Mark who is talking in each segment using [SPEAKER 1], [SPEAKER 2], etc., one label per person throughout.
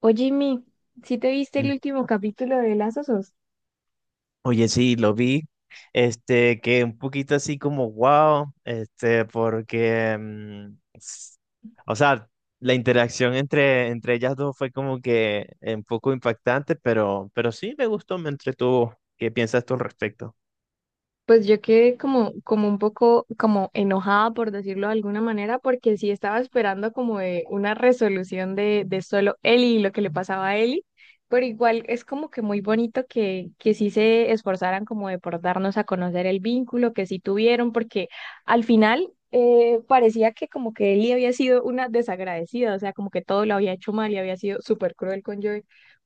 [SPEAKER 1] Oye, Jimmy, ¿sí te viste el
[SPEAKER 2] Mm.
[SPEAKER 1] último capítulo de Las Osos?
[SPEAKER 2] Oye, sí, lo vi. Que un poquito así como wow, porque, o sea, la interacción entre ellas dos fue como que un poco impactante, pero sí me gustó, me entretuvo. ¿Qué piensas tú al respecto?
[SPEAKER 1] Pues yo quedé como un poco como enojada, por decirlo de alguna manera, porque sí estaba esperando como de una resolución de solo Ellie y lo que le pasaba a Ellie, pero igual es como que muy bonito que sí se esforzaran como de por darnos a conocer el vínculo que sí tuvieron, porque al final parecía que como que Ellie había sido una desagradecida, o sea, como que todo lo había hecho mal y había sido súper cruel con Joey.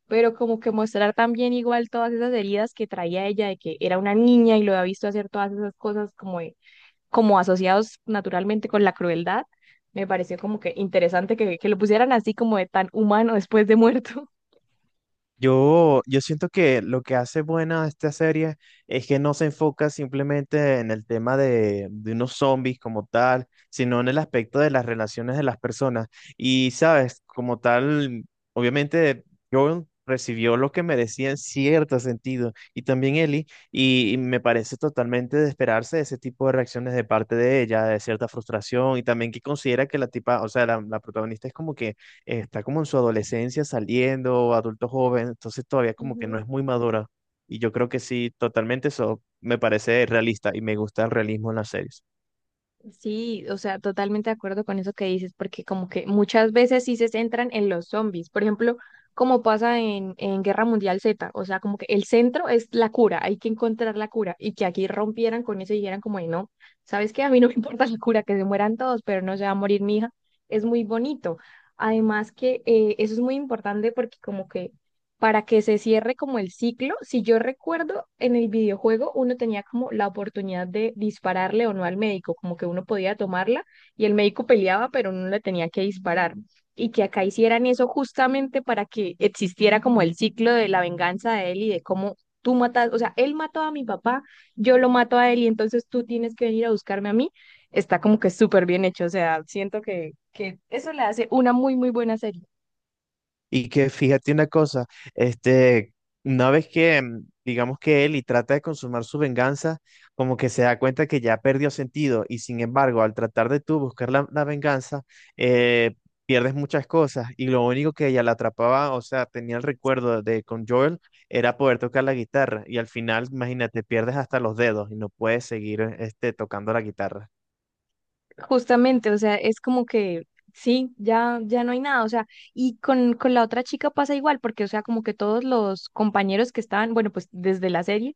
[SPEAKER 1] Pero como que mostrar también igual todas esas heridas que traía ella de que era una niña y lo había visto hacer todas esas cosas como asociados naturalmente con la crueldad, me pareció como que interesante que lo pusieran así como de tan humano después de muerto.
[SPEAKER 2] Yo siento que lo que hace buena a esta serie es que no se enfoca simplemente en el tema de unos zombies como tal, sino en el aspecto de las relaciones de las personas. Y, sabes, como tal, obviamente Joel recibió lo que merecía en cierto sentido, y también Ellie, y me parece totalmente de esperarse ese tipo de reacciones de parte de ella, de cierta frustración, y también que considera que la tipa, o sea, la protagonista es como que está como en su adolescencia saliendo, adulto joven, entonces todavía como que no es muy madura. Y yo creo que sí, totalmente eso me parece realista y me gusta el realismo en las series.
[SPEAKER 1] Sí, o sea, totalmente de acuerdo con eso que dices, porque como que muchas veces sí se centran en los zombies, por ejemplo, como pasa en Guerra Mundial Z, o sea, como que el centro es la cura, hay que encontrar la cura, y que aquí rompieran con eso y dijeran como, "Ay, no, ¿sabes qué? A mí no me importa la cura, que se mueran todos, pero no se va a morir mi hija." Es muy bonito. Además que eso es muy importante porque como que para que se cierre como el ciclo. Si yo recuerdo, en el videojuego uno tenía como la oportunidad de dispararle o no al médico, como que uno podía tomarla y el médico peleaba, pero uno le tenía que disparar. Y que acá hicieran eso justamente para que existiera como el ciclo de la venganza de él y de cómo tú matas, o sea, él mató a mi papá, yo lo mato a él y entonces tú tienes que venir a buscarme a mí. Está como que súper bien hecho, o sea, siento que eso le hace una muy, muy buena serie.
[SPEAKER 2] Y que fíjate una cosa, este, una vez que digamos que Eli trata de consumar su venganza, como que se da cuenta que ya perdió sentido y sin embargo, al tratar de tú buscar la venganza, eh, pierdes muchas cosas y lo único que ella la atrapaba, o sea, tenía el recuerdo de con Joel, era poder tocar la guitarra y al final, imagínate, pierdes hasta los dedos y no puedes seguir tocando la guitarra.
[SPEAKER 1] Justamente, o sea, es como que sí, ya, ya no hay nada, o sea, y con la otra chica pasa igual, porque, o sea, como que todos los compañeros que estaban, bueno, pues desde la serie,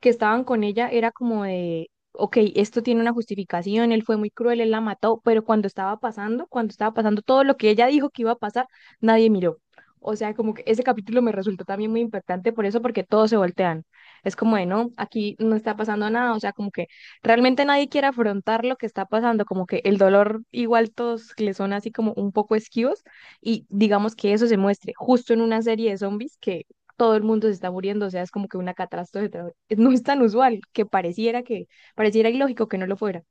[SPEAKER 1] que estaban con ella era como de, ok, esto tiene una justificación, él fue muy cruel, él la mató, pero cuando estaba pasando todo lo que ella dijo que iba a pasar, nadie miró. O sea, como que ese capítulo me resultó también muy impactante por eso, porque todos se voltean. Es como de, no, aquí no está pasando nada, o sea, como que realmente nadie quiere afrontar lo que está pasando, como que el dolor igual todos le son así como un poco esquivos y digamos que eso se muestre justo en una serie de zombies que todo el mundo se está muriendo, o sea, es como que una catástrofe, no es tan usual, que pareciera ilógico que no lo fuera.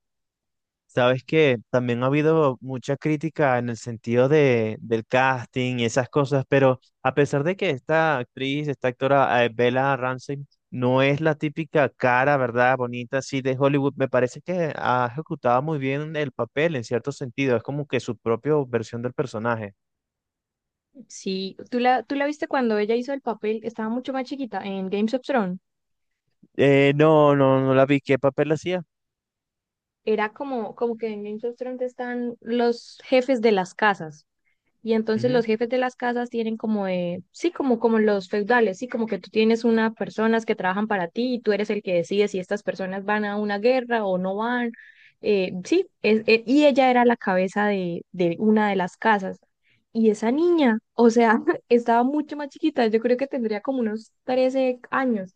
[SPEAKER 2] Sabes que también ha habido mucha crítica en el sentido de, del casting y esas cosas, pero a pesar de que esta actriz, esta actora, Bella Ramsey, no es la típica cara, ¿verdad? Bonita, así de Hollywood, me parece que ha ejecutado muy bien el papel en cierto sentido, es como que su propia versión del personaje.
[SPEAKER 1] Sí, tú la viste cuando ella hizo el papel, estaba mucho más chiquita en Games of Thrones.
[SPEAKER 2] No, no, no la vi. ¿Qué papel hacía?
[SPEAKER 1] Era como que en Games of Thrones están los jefes de las casas. Y entonces los
[SPEAKER 2] Ujú.
[SPEAKER 1] jefes de las casas tienen como, sí, como los feudales, sí, como que tú tienes unas personas que trabajan para ti y tú eres el que decide si estas personas van a una guerra o no van. Sí, y ella era la cabeza de una de las casas. Y esa niña, o sea, estaba mucho más chiquita, yo creo que tendría como unos 13 años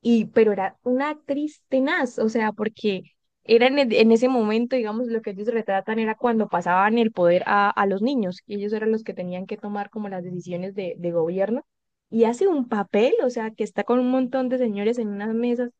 [SPEAKER 1] y pero era una actriz tenaz, o sea, porque era en ese momento, digamos, lo que ellos retratan era cuando pasaban el poder a los niños, y ellos eran los que tenían que tomar como las decisiones de gobierno, y hace un papel, o sea, que está con un montón de señores en unas mesas,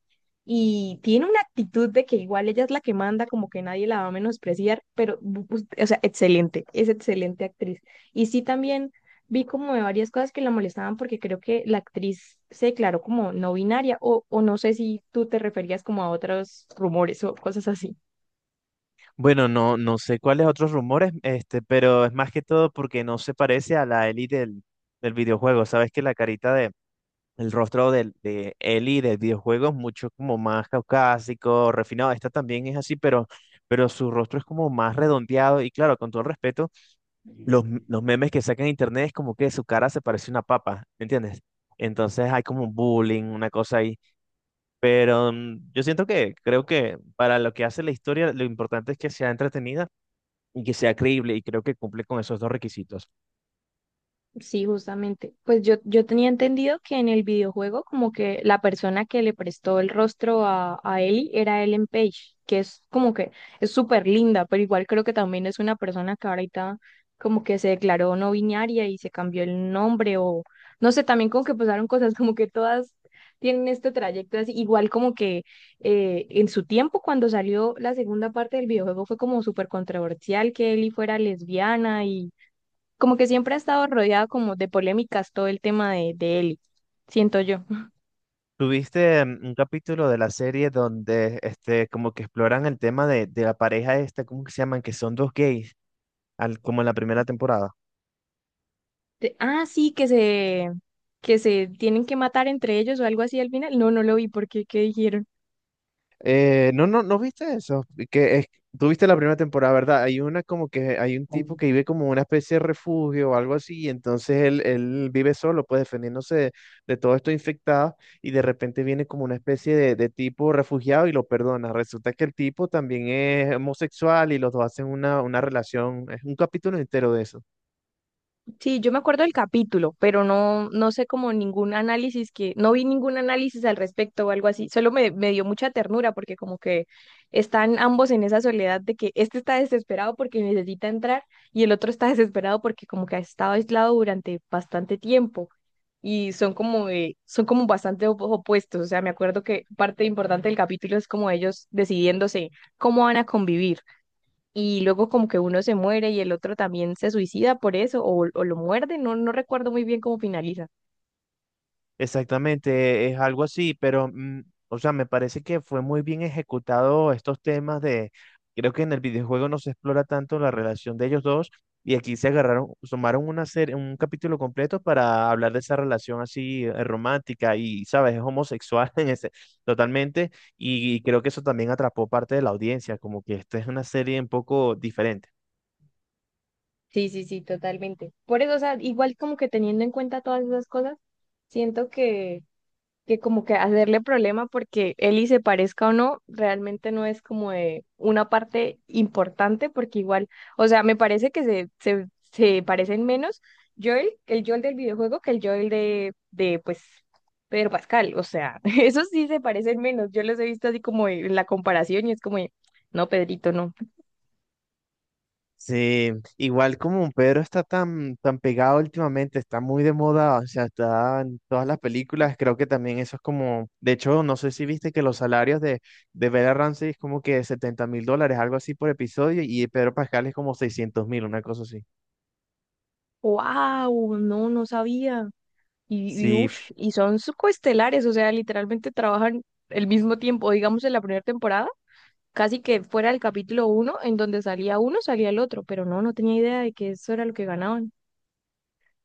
[SPEAKER 1] y tiene una actitud de que igual ella es la que manda, como que nadie la va a menospreciar, pero, o sea, excelente, es excelente actriz. Y sí también vi como de varias cosas que la molestaban porque creo que la actriz se declaró como no binaria o no sé si tú te referías como a otros rumores o cosas así.
[SPEAKER 2] Bueno, no, no sé cuáles otros rumores, pero es más que todo porque no se parece a la Ellie del videojuego. Sabes que el rostro de Ellie del videojuego es mucho como más caucásico, refinado. Esta también es así, pero su rostro es como más redondeado. Y claro, con todo el respeto, los memes que sacan en internet es como que su cara se parece a una papa, ¿me entiendes? Entonces hay como un bullying, una cosa ahí. Pero yo siento que, creo que para lo que hace la historia, lo importante es que sea entretenida y que sea creíble. Y creo que cumple con esos dos requisitos.
[SPEAKER 1] Sí, justamente. Pues yo tenía entendido que en el videojuego como que la persona que le prestó el rostro a Ellie era Ellen Page, que es como que es súper linda, pero igual creo que también es una persona que ahorita como que se declaró no binaria y se cambió el nombre o no sé, también como que pasaron cosas como que todas tienen este trayecto así, igual como que en su tiempo cuando salió la segunda parte del videojuego fue como súper controversial que Ellie fuera lesbiana como que siempre ha estado rodeado como de polémicas todo el tema de él, siento yo.
[SPEAKER 2] Tuviste un capítulo de la serie donde este como que exploran el tema de, la pareja esta, ¿cómo que se llaman? Que son dos gays, al, como en la primera temporada.
[SPEAKER 1] Ah, sí, que se tienen que matar entre ellos o algo así al final. No, no lo vi porque, ¿qué dijeron?
[SPEAKER 2] No, no, ¿no viste eso? Que es, tú viste la primera temporada, ¿verdad? Hay una como que hay un tipo que vive como una especie de refugio o algo así, y entonces él vive solo, pues defendiéndose de, todo esto infectado, y de repente viene como una especie de tipo refugiado y lo perdona. Resulta que el tipo también es homosexual y los dos hacen una relación, es un capítulo entero de eso.
[SPEAKER 1] Sí, yo me acuerdo del capítulo, pero no, no sé como ningún análisis que, no vi ningún análisis al respecto o algo así. Solo me dio mucha ternura porque como que están ambos en esa soledad de que este está desesperado porque necesita entrar y el otro está desesperado porque como que ha estado aislado durante bastante tiempo y son como bastante opuestos. O sea, me acuerdo que parte importante del capítulo es como ellos decidiéndose cómo van a convivir y luego como que uno se muere y el otro también se suicida por eso o lo muerde, no, no recuerdo muy bien cómo finaliza.
[SPEAKER 2] Exactamente, es algo así, pero, o sea, me parece que fue muy bien ejecutado estos temas creo que en el videojuego no se explora tanto la relación de ellos dos y aquí se agarraron, sumaron una serie, un capítulo completo para hablar de esa relación así romántica y, sabes, es homosexual en ese, totalmente y creo que eso también atrapó parte de la audiencia, como que esta es una serie un poco diferente.
[SPEAKER 1] Sí, sí, sí, totalmente. Por eso, o sea, igual como que teniendo en cuenta todas esas cosas, siento que como que hacerle problema porque Eli se parezca o no, realmente no es como de una parte importante porque igual, o sea, me parece que se parecen menos Joel, el Joel del videojuego que el Joel de pues, Pedro Pascal, o sea, esos sí se parecen menos, yo los he visto así como en la comparación y es como, de, no, Pedrito, no,
[SPEAKER 2] Sí, igual como Pedro está tan, tan pegado últimamente, está muy de moda, o sea, está en todas las películas, creo que también eso es como, de hecho, no sé si viste que los salarios de Bella Ramsey es como que 70.000 dólares, algo así por episodio, y de Pedro Pascal es como 600.000, una cosa así.
[SPEAKER 1] wow, no, no sabía. Y,
[SPEAKER 2] Sí,
[SPEAKER 1] uf, y son coestelares, o sea, literalmente trabajan el mismo tiempo, digamos en la primera temporada casi que fuera el capítulo uno, en donde salía uno, salía el otro, pero no, no tenía idea de que eso era lo que ganaban.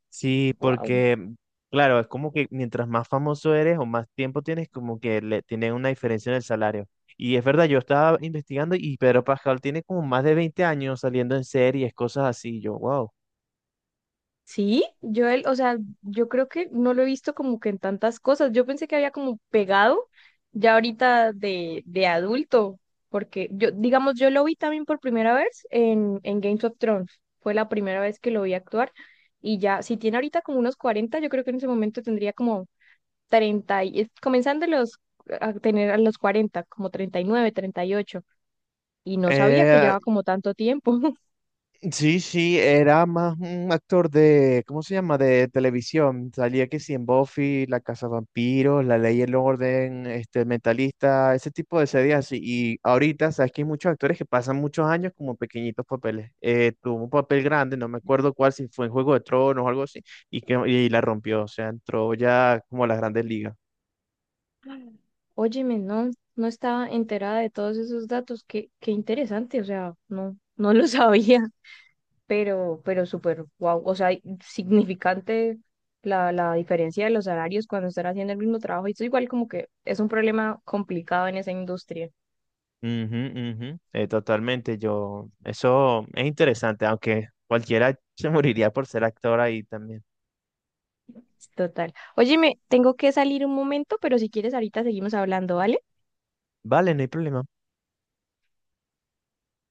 [SPEAKER 2] sí,
[SPEAKER 1] Wow.
[SPEAKER 2] porque, claro, es como que mientras más famoso eres o más tiempo tienes, como que le tienen una diferencia en el salario. Y es verdad, yo estaba investigando y Pedro Pascal tiene como más de 20 años saliendo en series, cosas así. Yo, wow.
[SPEAKER 1] Sí, o sea, yo creo que no lo he visto como que en tantas cosas. Yo pensé que había como pegado ya ahorita de adulto, porque yo, digamos, yo lo vi también por primera vez en Games of Thrones. Fue la primera vez que lo vi actuar. Y ya, si tiene ahorita como unos 40 yo creo que en ese momento tendría como 30 y, es- comenzando los, a tener a los 40 como 30 39 38 y no sabía que llevaba como tanto tiempo.
[SPEAKER 2] Sí, sí, era más un actor de, ¿cómo se llama? De televisión. Salía que sí en Buffy, La Casa Vampiros, La Ley y el Orden, este, El Mentalista, ese tipo de series así. Y ahorita, sabes que hay muchos actores que pasan muchos años como pequeñitos papeles. Tuvo un papel grande, no me acuerdo cuál, si fue en Juego de Tronos o algo así, y que y la rompió, o sea, entró ya como a las grandes ligas.
[SPEAKER 1] Óyeme, no, no estaba enterada de todos esos datos, qué interesante, o sea, no, no lo sabía, pero súper wow, o sea, significante la diferencia de los salarios cuando están haciendo el mismo trabajo, y eso igual como que es un problema complicado en esa industria,
[SPEAKER 2] Ujú, ujú. Totalmente, yo, eso es interesante, aunque cualquiera se moriría por ser actor ahí también.
[SPEAKER 1] total. Óyeme, tengo que salir un momento, pero si quieres ahorita seguimos hablando, ¿vale?
[SPEAKER 2] Vale, no hay problema.